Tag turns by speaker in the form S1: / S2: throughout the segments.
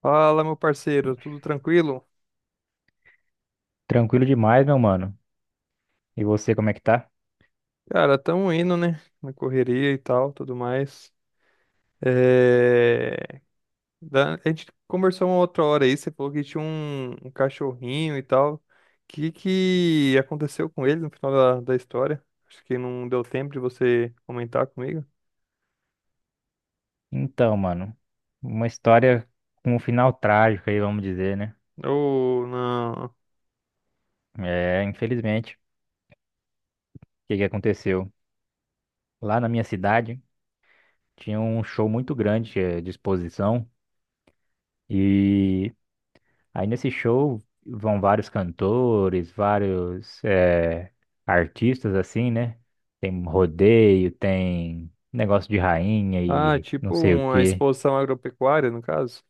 S1: Fala, meu parceiro, tudo tranquilo?
S2: Tranquilo demais, meu mano. E você, como é que tá?
S1: Cara, tamo indo, né? Na correria e tal, tudo mais. É... A gente conversou uma outra hora aí, você falou que tinha um cachorrinho e tal. O que que aconteceu com ele no final da história? Acho que não deu tempo de você comentar comigo.
S2: Então, mano, uma história com um final trágico aí, vamos dizer, né?
S1: Ou não?
S2: É, infelizmente, o que que aconteceu? Lá na minha cidade tinha um show muito grande de exposição e aí nesse show vão vários cantores, vários artistas assim, né? Tem rodeio, tem negócio de rainha
S1: Ah,
S2: e não
S1: tipo
S2: sei o
S1: uma
S2: quê.
S1: exposição agropecuária, no caso?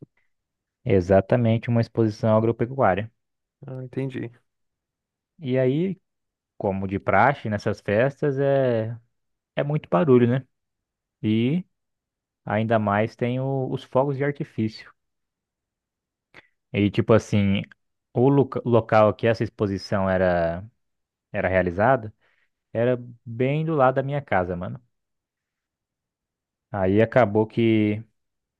S2: Exatamente uma exposição agropecuária.
S1: Ah, entendi.
S2: E aí como de praxe nessas festas, é muito barulho, né? E ainda mais tem os fogos de artifício. E tipo assim, o local que essa exposição era realizada era bem do lado da minha casa, mano. Aí acabou que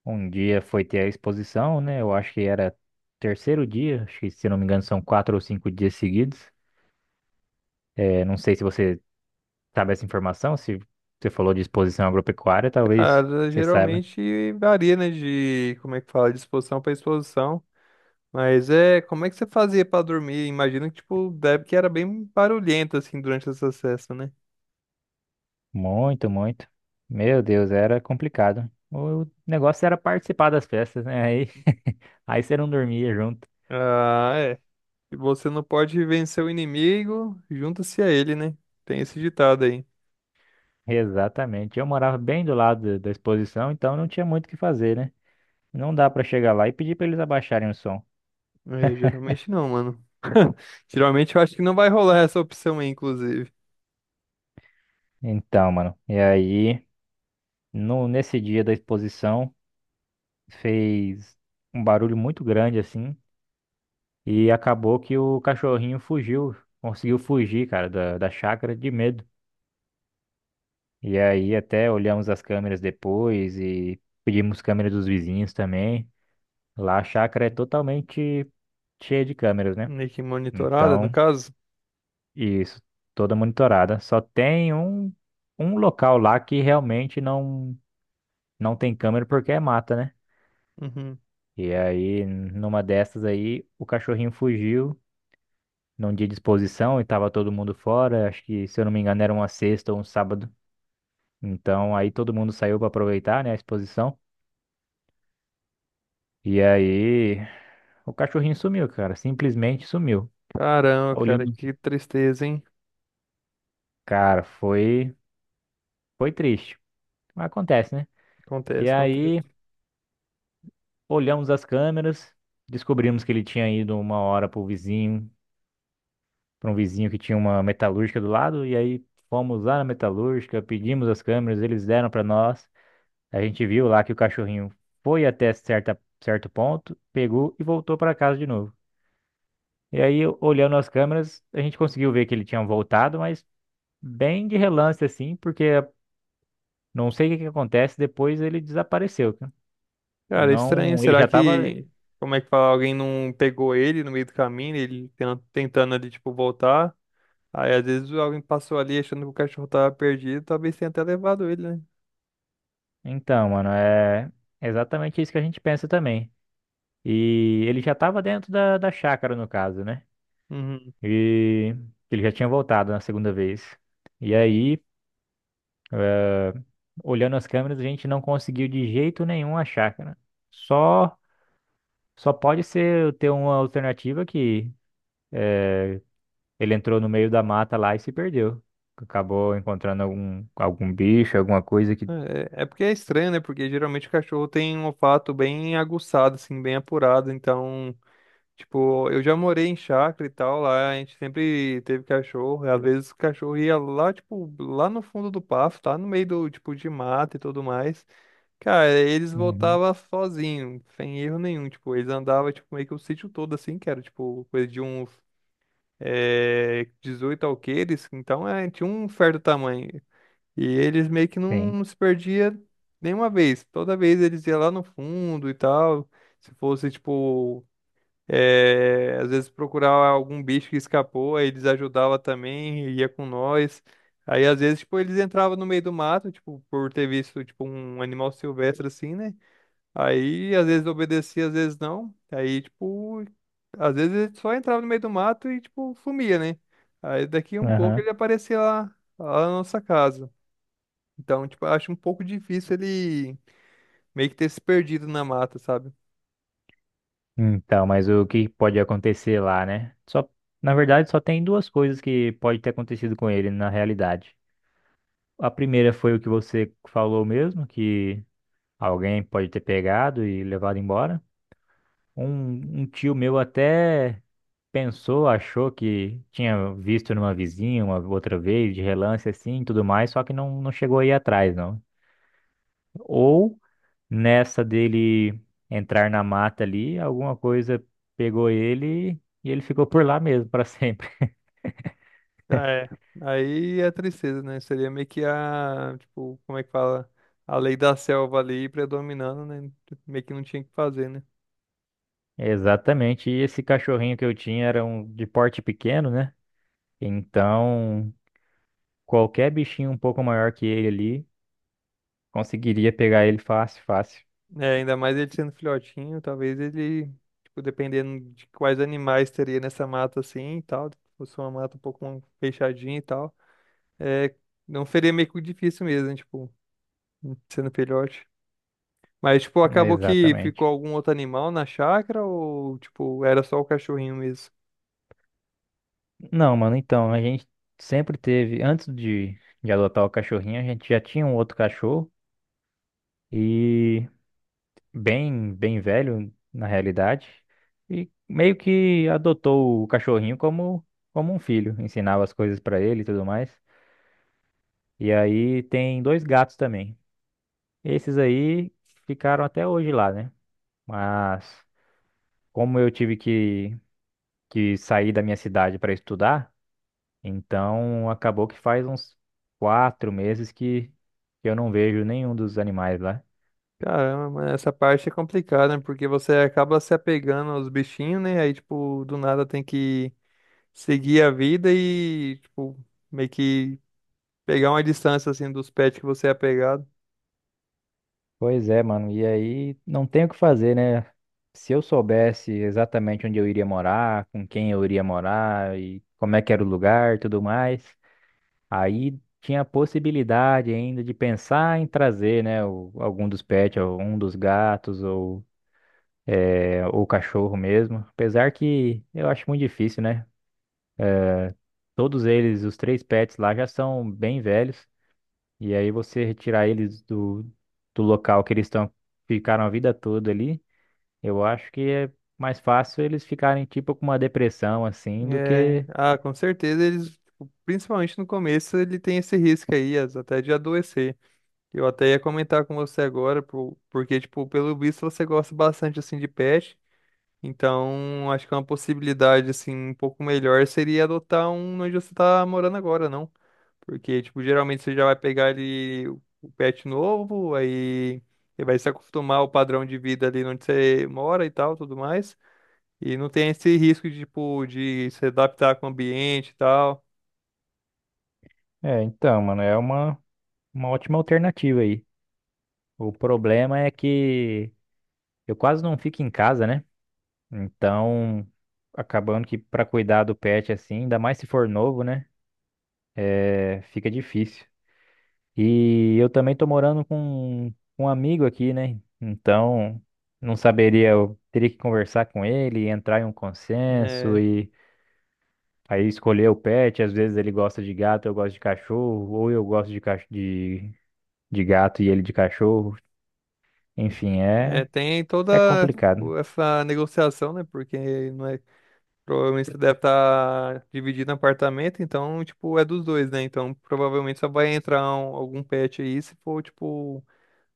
S2: um dia foi ter a exposição, né? Eu acho que era terceiro dia, acho que se não me engano são 4 ou 5 dias seguidos. É, não sei se você sabe essa informação, se você falou de exposição agropecuária, talvez
S1: Cara,
S2: você saiba.
S1: geralmente varia, né, de como é que fala, de exposição para exposição. Mas é, como é que você fazia pra dormir? Imagino que, tipo, deve que era bem barulhento, assim, durante esse acesso, né?
S2: Muito, muito. Meu Deus, era complicado. O negócio era participar das festas, né? Aí, aí você não dormia junto.
S1: Ah, é. Se você não pode vencer o inimigo, junta-se a ele, né? Tem esse ditado aí.
S2: Exatamente. Eu morava bem do lado da exposição, então não tinha muito o que fazer, né? Não dá pra chegar lá e pedir pra eles abaixarem o som.
S1: É, geralmente não, mano. Geralmente eu acho que não vai rolar essa opção aí, inclusive.
S2: Então, mano, e aí, no, nesse dia da exposição, fez um barulho muito grande assim, e acabou que o cachorrinho fugiu, conseguiu fugir, cara, da chácara de medo. E aí até olhamos as câmeras depois e pedimos câmeras dos vizinhos também. Lá a chácara é totalmente cheia de câmeras, né?
S1: Meio que monitorada, no
S2: Então,
S1: caso.
S2: isso, toda monitorada. Só tem um local lá que realmente não tem câmera porque é mata, né?
S1: Uhum.
S2: E aí, numa dessas aí, o cachorrinho fugiu num dia de exposição e tava todo mundo fora. Acho que, se eu não me engano, era uma sexta ou um sábado. Então, aí todo mundo saiu para aproveitar, né, a exposição. E aí. O cachorrinho sumiu, cara. Simplesmente sumiu.
S1: Caramba, cara,
S2: Olhamos.
S1: que tristeza, hein?
S2: Cara, foi triste. Mas acontece, né? E
S1: Acontece, acontece.
S2: aí, olhamos as câmeras, descobrimos que ele tinha ido uma hora pro vizinho, para um vizinho que tinha uma metalúrgica do lado. E aí, fomos lá na metalúrgica, pedimos as câmeras, eles deram para nós. A gente viu lá que o cachorrinho foi até certo ponto, pegou e voltou para casa de novo. E aí, olhando as câmeras, a gente conseguiu ver que ele tinha voltado, mas bem de relance assim, porque não sei o que que acontece, depois ele desapareceu, cara.
S1: Cara, é estranho.
S2: Não, ele
S1: Será
S2: já tava.
S1: que, como é que fala, alguém não pegou ele no meio do caminho, ele tentando ali, tipo, voltar? Aí, às vezes, alguém passou ali achando que o cachorro tava perdido, talvez tenha até levado ele, né?
S2: Então, mano, é exatamente isso que a gente pensa também. E ele já tava dentro da chácara, no caso, né?
S1: Uhum.
S2: E ele já tinha voltado na segunda vez. E aí, olhando as câmeras, a gente não conseguiu de jeito nenhum a chácara. Só, só pode ser ter uma alternativa que é, ele entrou no meio da mata lá e se perdeu. Acabou encontrando algum bicho, alguma coisa que.
S1: É, é porque é estranho, né? Porque geralmente o cachorro tem um olfato bem aguçado, assim, bem apurado. Então, tipo, eu já morei em chácara e tal, lá a gente sempre teve cachorro. E às vezes o cachorro ia lá, tipo, lá no fundo do pasto, tá no meio do, tipo, de mata e tudo mais. Cara, eles
S2: Uhum.
S1: voltavam sozinhos, sem erro nenhum. Tipo, eles andavam tipo, meio que o sítio todo assim, que era tipo coisa de uns 18 alqueires, então é, tinha um certo tamanho. E eles meio que
S2: Sim.
S1: não se perdia nenhuma vez. Toda vez eles iam lá no fundo e tal. Se fosse, tipo, é, às vezes procurar algum bicho que escapou, aí eles ajudavam também, ia com nós. Aí às vezes, tipo, eles entravam no meio do mato, tipo, por ter visto, tipo, um animal silvestre assim, né? Aí, às vezes obedecia, às vezes não. Aí, tipo, às vezes ele só entrava no meio do mato e, tipo, sumia, né? Aí daqui a um pouco
S2: Aham.
S1: ele aparecia lá, lá na nossa casa. Então, tipo, eu acho um pouco difícil ele meio que ter se perdido na mata, sabe?
S2: Então, mas o que pode acontecer lá, né? Só, na verdade, só tem duas coisas que pode ter acontecido com ele na realidade. A primeira foi o que você falou mesmo, que alguém pode ter pegado e levado embora. Um tio meu até pensou, achou que tinha visto numa vizinha uma outra vez, de relance assim e tudo mais, só que não chegou aí atrás, não. Ou nessa dele entrar na mata ali, alguma coisa pegou ele e ele ficou por lá mesmo para sempre.
S1: É. Aí é tristeza, né? Seria meio que a, tipo, como é que fala? A lei da selva ali predominando, né? Meio que não tinha o que fazer, né?
S2: Exatamente. E esse cachorrinho que eu tinha era um de porte pequeno, né? Então, qualquer bichinho um pouco maior que ele ali conseguiria pegar ele fácil, fácil.
S1: É, ainda mais ele sendo filhotinho, talvez ele, tipo, dependendo de quais animais teria nessa mata assim e tal, se fosse uma mata um pouco fechadinha e tal, é, não seria meio que difícil mesmo, né, tipo, sendo filhote. Mas, tipo, acabou que ficou
S2: Exatamente.
S1: algum outro animal na chácara ou, tipo, era só o cachorrinho mesmo?
S2: Não, mano, então, a gente sempre teve, antes de adotar o cachorrinho, a gente já tinha um outro cachorro. E bem, bem velho na realidade, e meio que adotou o cachorrinho como um filho, ensinava as coisas pra ele e tudo mais. E aí tem dois gatos também. Esses aí ficaram até hoje lá, né? Mas como eu tive que sair da minha cidade para estudar, então acabou que faz uns 4 meses que eu não vejo nenhum dos animais lá.
S1: Caramba, mas essa parte é complicada, né? Porque você acaba se apegando aos bichinhos, né? Aí, tipo, do nada tem que seguir a vida e, tipo, meio que pegar uma distância assim dos pets que você é apegado.
S2: Pois é, mano. E aí não tem o que fazer, né? Se eu soubesse exatamente onde eu iria morar, com quem eu iria morar e como é que era o lugar, e tudo mais, aí tinha a possibilidade ainda de pensar em trazer, né, algum dos pets, ou um dos gatos ou ou o cachorro mesmo. Apesar que eu acho muito difícil, né? Todos eles, os três pets lá já são bem velhos e aí você retirar eles do local que eles estão ficaram a vida toda ali. Eu acho que é mais fácil eles ficarem tipo com uma depressão assim do
S1: É,
S2: que.
S1: ah, com certeza eles, tipo, principalmente no começo, ele tem esse risco aí, até de adoecer. Eu até ia comentar com você agora, porque, tipo, pelo visto você gosta bastante, assim, de pet, então acho que uma possibilidade, assim, um pouco melhor seria adotar um onde você tá morando agora, não? Porque, tipo, geralmente você já vai pegar ali o pet novo, aí você vai se acostumar ao padrão de vida ali onde você mora e tal, tudo mais. E não tem esse risco de, tipo, de se adaptar com o ambiente e tal,
S2: É, então, mano, é uma ótima alternativa aí. O problema é que eu quase não fico em casa, né? Então, acabando que pra cuidar do pet assim, ainda mais se for novo, né? É, fica difícil. E eu também tô morando com um amigo aqui, né? Então, não saberia, eu teria que conversar com ele, entrar em um consenso.
S1: né?
S2: Aí escolher o pet, às vezes ele gosta de gato, eu gosto de cachorro, ou eu gosto de gato e ele de cachorro. Enfim,
S1: É,
S2: é
S1: tem
S2: é
S1: toda,
S2: complicado.
S1: tipo, essa negociação, né? Porque não é, provavelmente você deve estar dividindo apartamento, então, tipo, é dos dois, né? Então, provavelmente só vai entrar algum pet aí se for, tipo,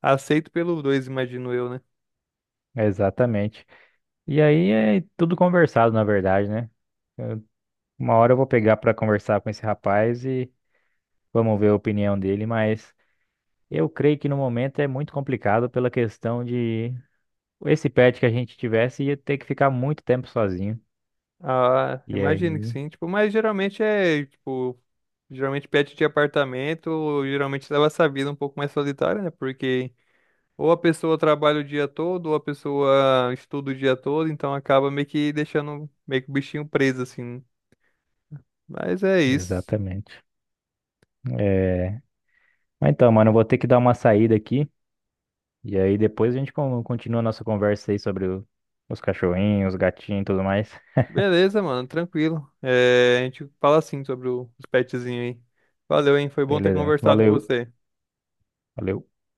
S1: aceito pelos dois, imagino eu, né?
S2: Exatamente. E aí é tudo conversado, na verdade, né? Uma hora eu vou pegar para conversar com esse rapaz e vamos ver a opinião dele, mas eu creio que no momento é muito complicado pela questão de esse pet que a gente tivesse ia ter que ficar muito tempo sozinho.
S1: Ah,
S2: E
S1: imagino que
S2: aí,
S1: sim, tipo, mas geralmente é, tipo, geralmente pet de apartamento, geralmente leva essa vida um pouco mais solitária, né? Porque ou a pessoa trabalha o dia todo, ou a pessoa estuda o dia todo, então acaba meio que deixando meio que o bichinho preso, assim, né? Mas é isso.
S2: exatamente. É... Mas então, mano, eu vou ter que dar uma saída aqui. E aí depois a gente continua a nossa conversa aí sobre os cachorrinhos, os gatinhos e tudo mais.
S1: Beleza, mano, tranquilo. É, a gente fala assim sobre os petzinhos aí. Valeu, hein? Foi bom ter
S2: Beleza, mano.
S1: conversado com
S2: Valeu.
S1: você.
S2: Valeu.